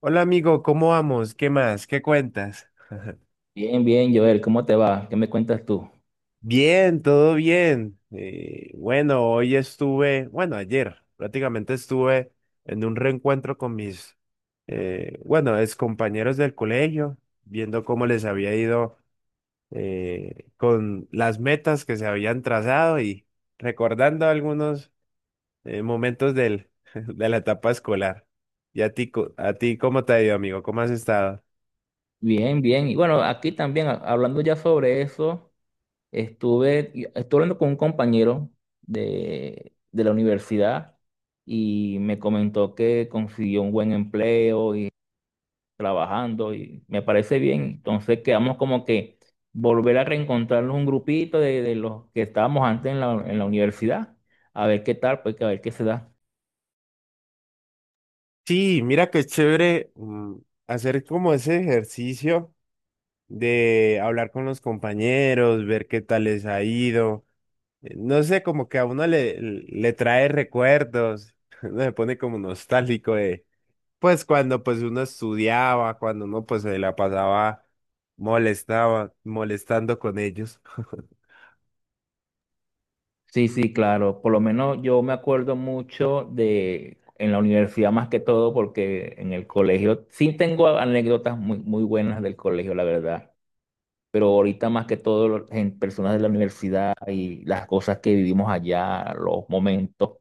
Hola amigo, ¿cómo vamos? ¿Qué más? ¿Qué cuentas? Bien, bien, Joel, ¿cómo te va? ¿Qué me cuentas tú? Bien, todo bien. Bueno, hoy estuve, bueno, ayer prácticamente estuve en un reencuentro con mis, eh, bueno, compañeros del colegio, viendo cómo les había ido con las metas que se habían trazado, y recordando algunos momentos de la etapa escolar. ¿Y a ti, a ti cómo te ha ido, amigo? ¿Cómo has estado? Bien, bien. Y bueno, aquí también, hablando ya sobre eso, estuve hablando con un compañero de la universidad y me comentó que consiguió un buen empleo y trabajando y me parece bien. Entonces quedamos como que volver a reencontrarnos un grupito de los que estábamos antes en la universidad, a ver qué tal, pues a ver qué se da. Sí, mira que es chévere, hacer como ese ejercicio de hablar con los compañeros, ver qué tal les ha ido. No sé, como que a le trae recuerdos, uno se pone como nostálgico, de, pues cuando, pues uno estudiaba, cuando uno pues se la pasaba molestando con ellos. Sí, sí, claro. Por lo menos yo me acuerdo mucho de en la universidad más que todo, porque en el colegio sí tengo anécdotas muy, muy buenas del colegio, la verdad. Pero ahorita más que todo en personas de la universidad y las cosas que vivimos allá, los momentos,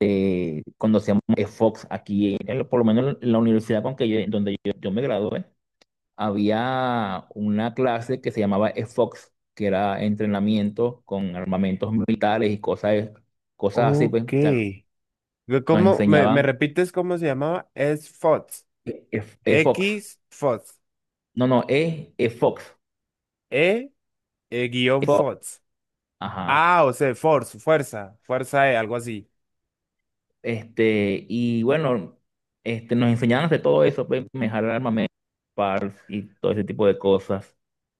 cuando hacíamos Fox aquí, por lo menos en la universidad con que yo, donde yo me gradué, había una clase que se llamaba EFOX, que era entrenamiento con armamentos militares y cosas así, pues. Ok. O sea, nos ¿ Me enseñaban repites cómo se llamaba? Es FOTS. EFOX. X FOTS. No, no, EFOX. E, guión EFOX. FOTS. Ajá. Ah, o sea, force, fuerza E, algo así. Y bueno, nos enseñaban de todo eso, pues, manejar armamentos, PARS y todo ese tipo de cosas.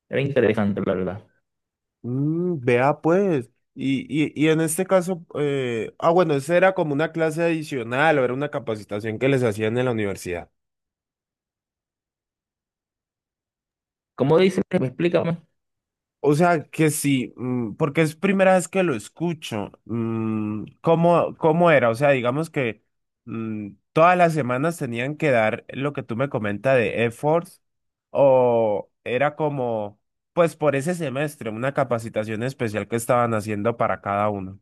Era interesante, la verdad. Mm, vea pues. Y en este caso, bueno, ¿esa era como una clase adicional o era una capacitación que les hacían en la universidad? ¿Cómo dices? Explícame. O sea que sí, mm, porque es primera vez que lo escucho. Mm, ¿cómo, cómo era? O sea, digamos que, todas las semanas tenían que dar lo que tú me comentas de efforts, o era como, pues por ese semestre, una capacitación especial que estaban haciendo para cada uno.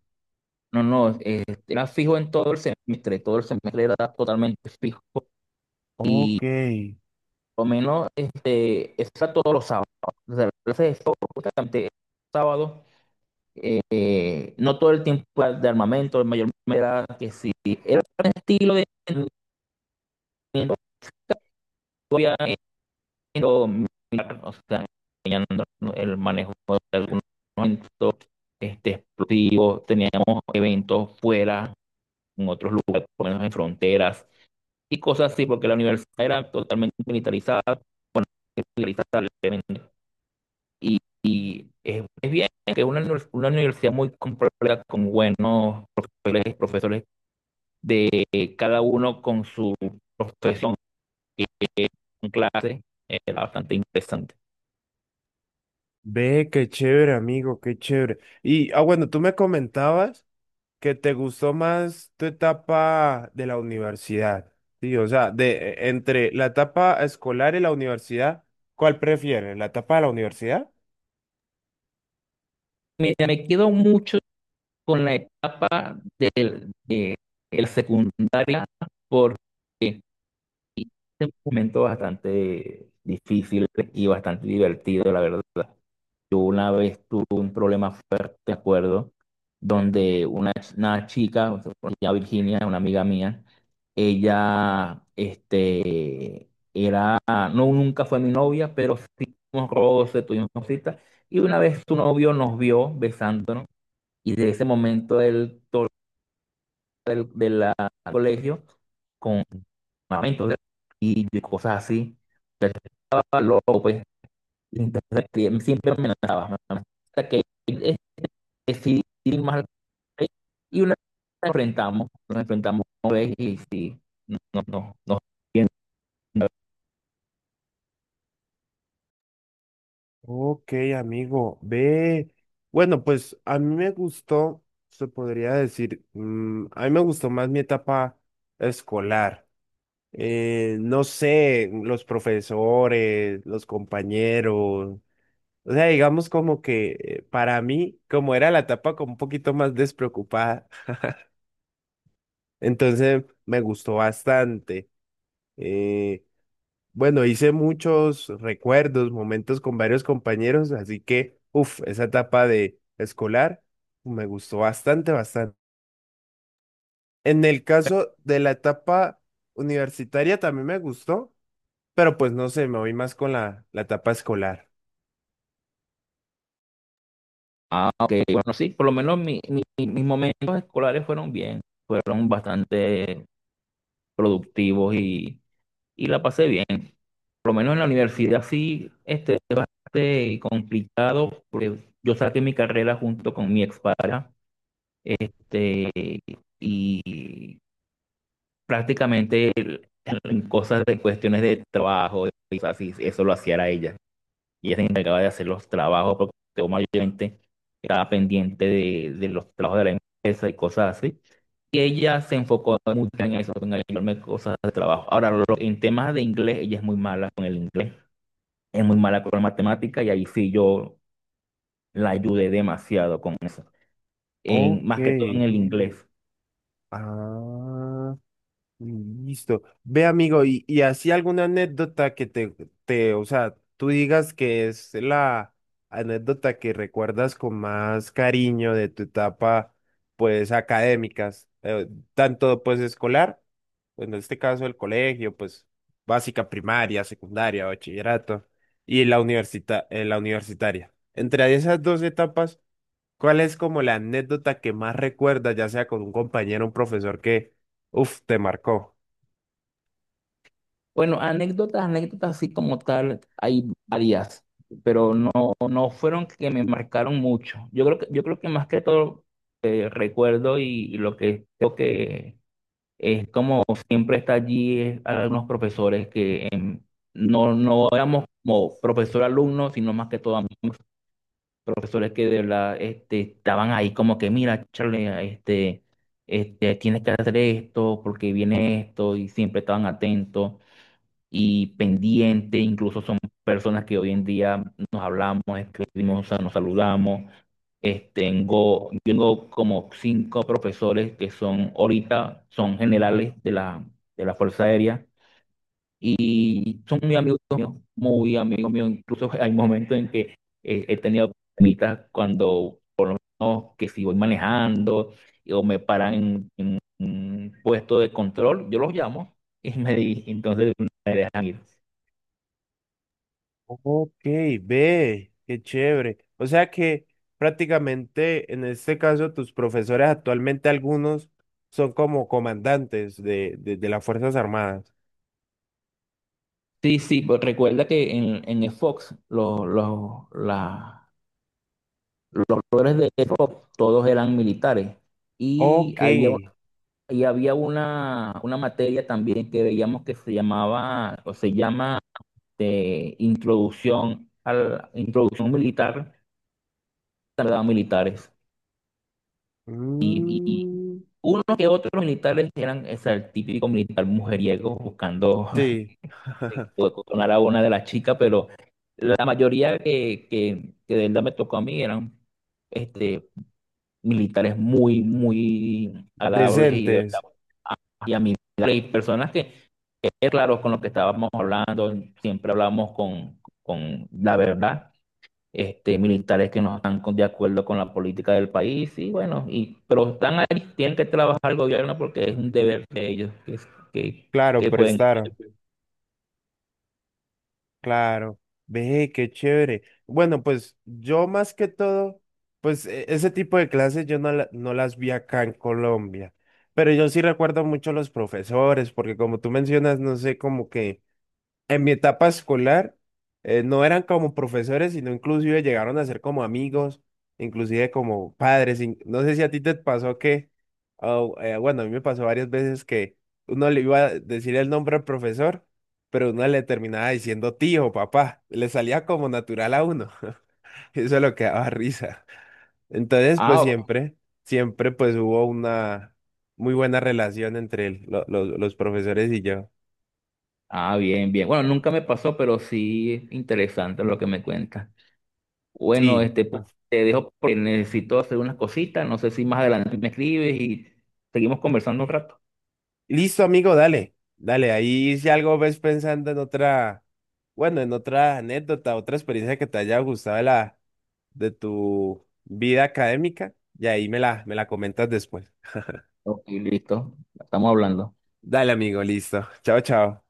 No, no, era fijo en todo el semestre era totalmente fijo. Ok, Lo menos, está todos los sábados, ¿no? O sea, clase todos los sábados, no todo el tiempo de armamento, mayormente era que si era un estilo de entrenamiento, o sea, el manejo de algunos momentos, explosivos. Teníamos eventos fuera, en otros lugares, por lo menos en fronteras y cosas así, porque la universidad era totalmente militarizada, bueno, militarizada. Y es, bien que una universidad muy completa, con buenos profesores de, cada uno con su profesión y, eh, con clase, era bastante interesante. ve, qué chévere, amigo, qué chévere. Y, ah, bueno, tú me comentabas ¿que te gustó más tu etapa de la universidad? Sí, o sea, de entre la etapa escolar y la universidad, ¿cuál prefieres? ¿La etapa de la universidad? Me quedo mucho con la etapa de la secundaria porque es un momento bastante difícil y bastante divertido, la verdad. Yo una vez tuve un problema fuerte, de acuerdo, donde una chica, o sea, ya Virginia, una amiga mía. Ella, no, nunca fue mi novia, pero sí tuvimos roces, tuvimos cositas, y una vez su novio nos vio besándonos, y de ese momento él, todo el, de la, al colegio, con armamentos y cosas así. Entonces, estaba loco, pues. Entonces, siempre me amenazaba hasta que decidir más, y una vez nos enfrentamos una vez y sí, no, no, no, no, bien. Ok, amigo, ve. Bueno, pues a mí me gustó, se podría decir, mm, a mí me gustó más mi etapa escolar. No sé, los profesores, los compañeros. O sea, digamos como que, para mí, como era la etapa como un poquito más despreocupada, entonces me gustó bastante. Eh, bueno, Hice muchos recuerdos, momentos con varios compañeros, así que, uff, esa etapa de escolar me gustó bastante, bastante. En el caso de la etapa universitaria también me gustó, pero pues no sé, me voy más con la etapa escolar. Ah, ok, bueno, sí, por lo menos mis momentos escolares fueron bien, fueron bastante productivos, y la pasé bien. Por lo menos en la universidad sí, fue bastante complicado, porque yo saqué mi carrera junto con mi expareja, este, y prácticamente en cosas de cuestiones de trabajo, y cosas así, eso lo hacía era ella. Y ella se encargaba de hacer los trabajos porque yo mayormente estaba pendiente de los trabajos de la empresa y cosas así. Y ella se enfocó mucho en eso, en ayudarme cosas de trabajo. Ahora, en temas de inglés, ella es muy mala con el inglés, es muy mala con la matemática, y ahí sí yo la ayudé demasiado con eso. En, Ok. más que todo en el inglés. Ah. Mm, listo. Ve, amigo, y así alguna anécdota que o sea, tú digas que es la anécdota que recuerdas con más cariño de tu etapa, pues, académicas, tanto, pues, escolar, pues, en este caso el colegio, pues, básica, primaria, secundaria, bachillerato, y la la universitaria. Entre esas dos etapas, ¿cuál es como la anécdota que más recuerdas, ya sea con un compañero, un profesor que, uf, te marcó? Bueno, anécdotas así como tal, hay varias, pero no fueron que me marcaron mucho. Yo creo que más que todo, recuerdo, y lo que creo que es como siempre está allí es algunos profesores que, no éramos como profesor-alumno, sino más que todo profesores que de verdad, estaban ahí como que, mira, Charlie, este, tienes que hacer esto porque viene esto, y siempre estaban atentos y pendiente. Incluso son personas que hoy en día nos hablamos, escribimos, o sea, nos saludamos. Yo tengo como cinco profesores que son ahorita, son generales de la Fuerza Aérea, y son muy amigos míos, muy amigos míos. Incluso hay momentos en que, he tenido problemitas cuando, no, que si voy manejando o me paran en un puesto de control, yo los llamo y me di, entonces me dejan ir. Ok, ve, qué chévere. O sea que prácticamente en este caso tus profesores actualmente algunos son como comandantes de, de las Fuerzas Armadas. Sí, sí, pues recuerda que en el Fox, los actores de Fox, todos eran militares. Y Ok. había, un- y había una materia también que veíamos que se llamaba, o se llama, de introducción militar, tardaba militares. Y Mm, unos que otros militares eran, o sea, el típico militar mujeriego buscando sí. sonar a una de las chicas, pero la mayoría que de verdad me tocó a mí eran, este, militares muy, muy agradables y de Decentes, verdad, y amigables, y personas que, claro, con lo que estábamos hablando, siempre hablamos con la verdad, militares que no están de acuerdo con la política del país, y bueno, pero están ahí, tienen que trabajar el gobierno porque es un deber de ellos que, que, claro, que pueden. prestaron. Claro, ve, qué chévere. Bueno, pues yo más que todo, pues ese tipo de clases yo no, no las vi acá en Colombia, pero yo sí recuerdo mucho los profesores, porque como tú mencionas, no sé, como que... en mi etapa escolar, no eran como profesores, sino inclusive llegaron a ser como amigos, inclusive como padres. No sé si a ti te pasó que, oh, bueno, a mí me pasó varias veces que uno le iba a decir el nombre al profesor, pero uno le terminaba diciendo tío, papá. Le salía como natural a uno. Eso es lo que daba risa. Entonces, pues Ah, siempre pues hubo una muy buena relación entre los profesores y yo. ah, bien, bien. Bueno, nunca me pasó, pero sí interesante lo que me cuentas. Bueno, Sí. Te dejo porque necesito hacer unas cositas. No sé si más adelante me escribes y seguimos conversando un rato. Listo, amigo, dale, dale, ahí si algo ves pensando en otra, bueno, en otra anécdota, otra experiencia que te haya gustado de la, de tu vida académica, y ahí me me la comentas después. Ok, listo. Estamos hablando. Dale, amigo, listo. Chao, chao.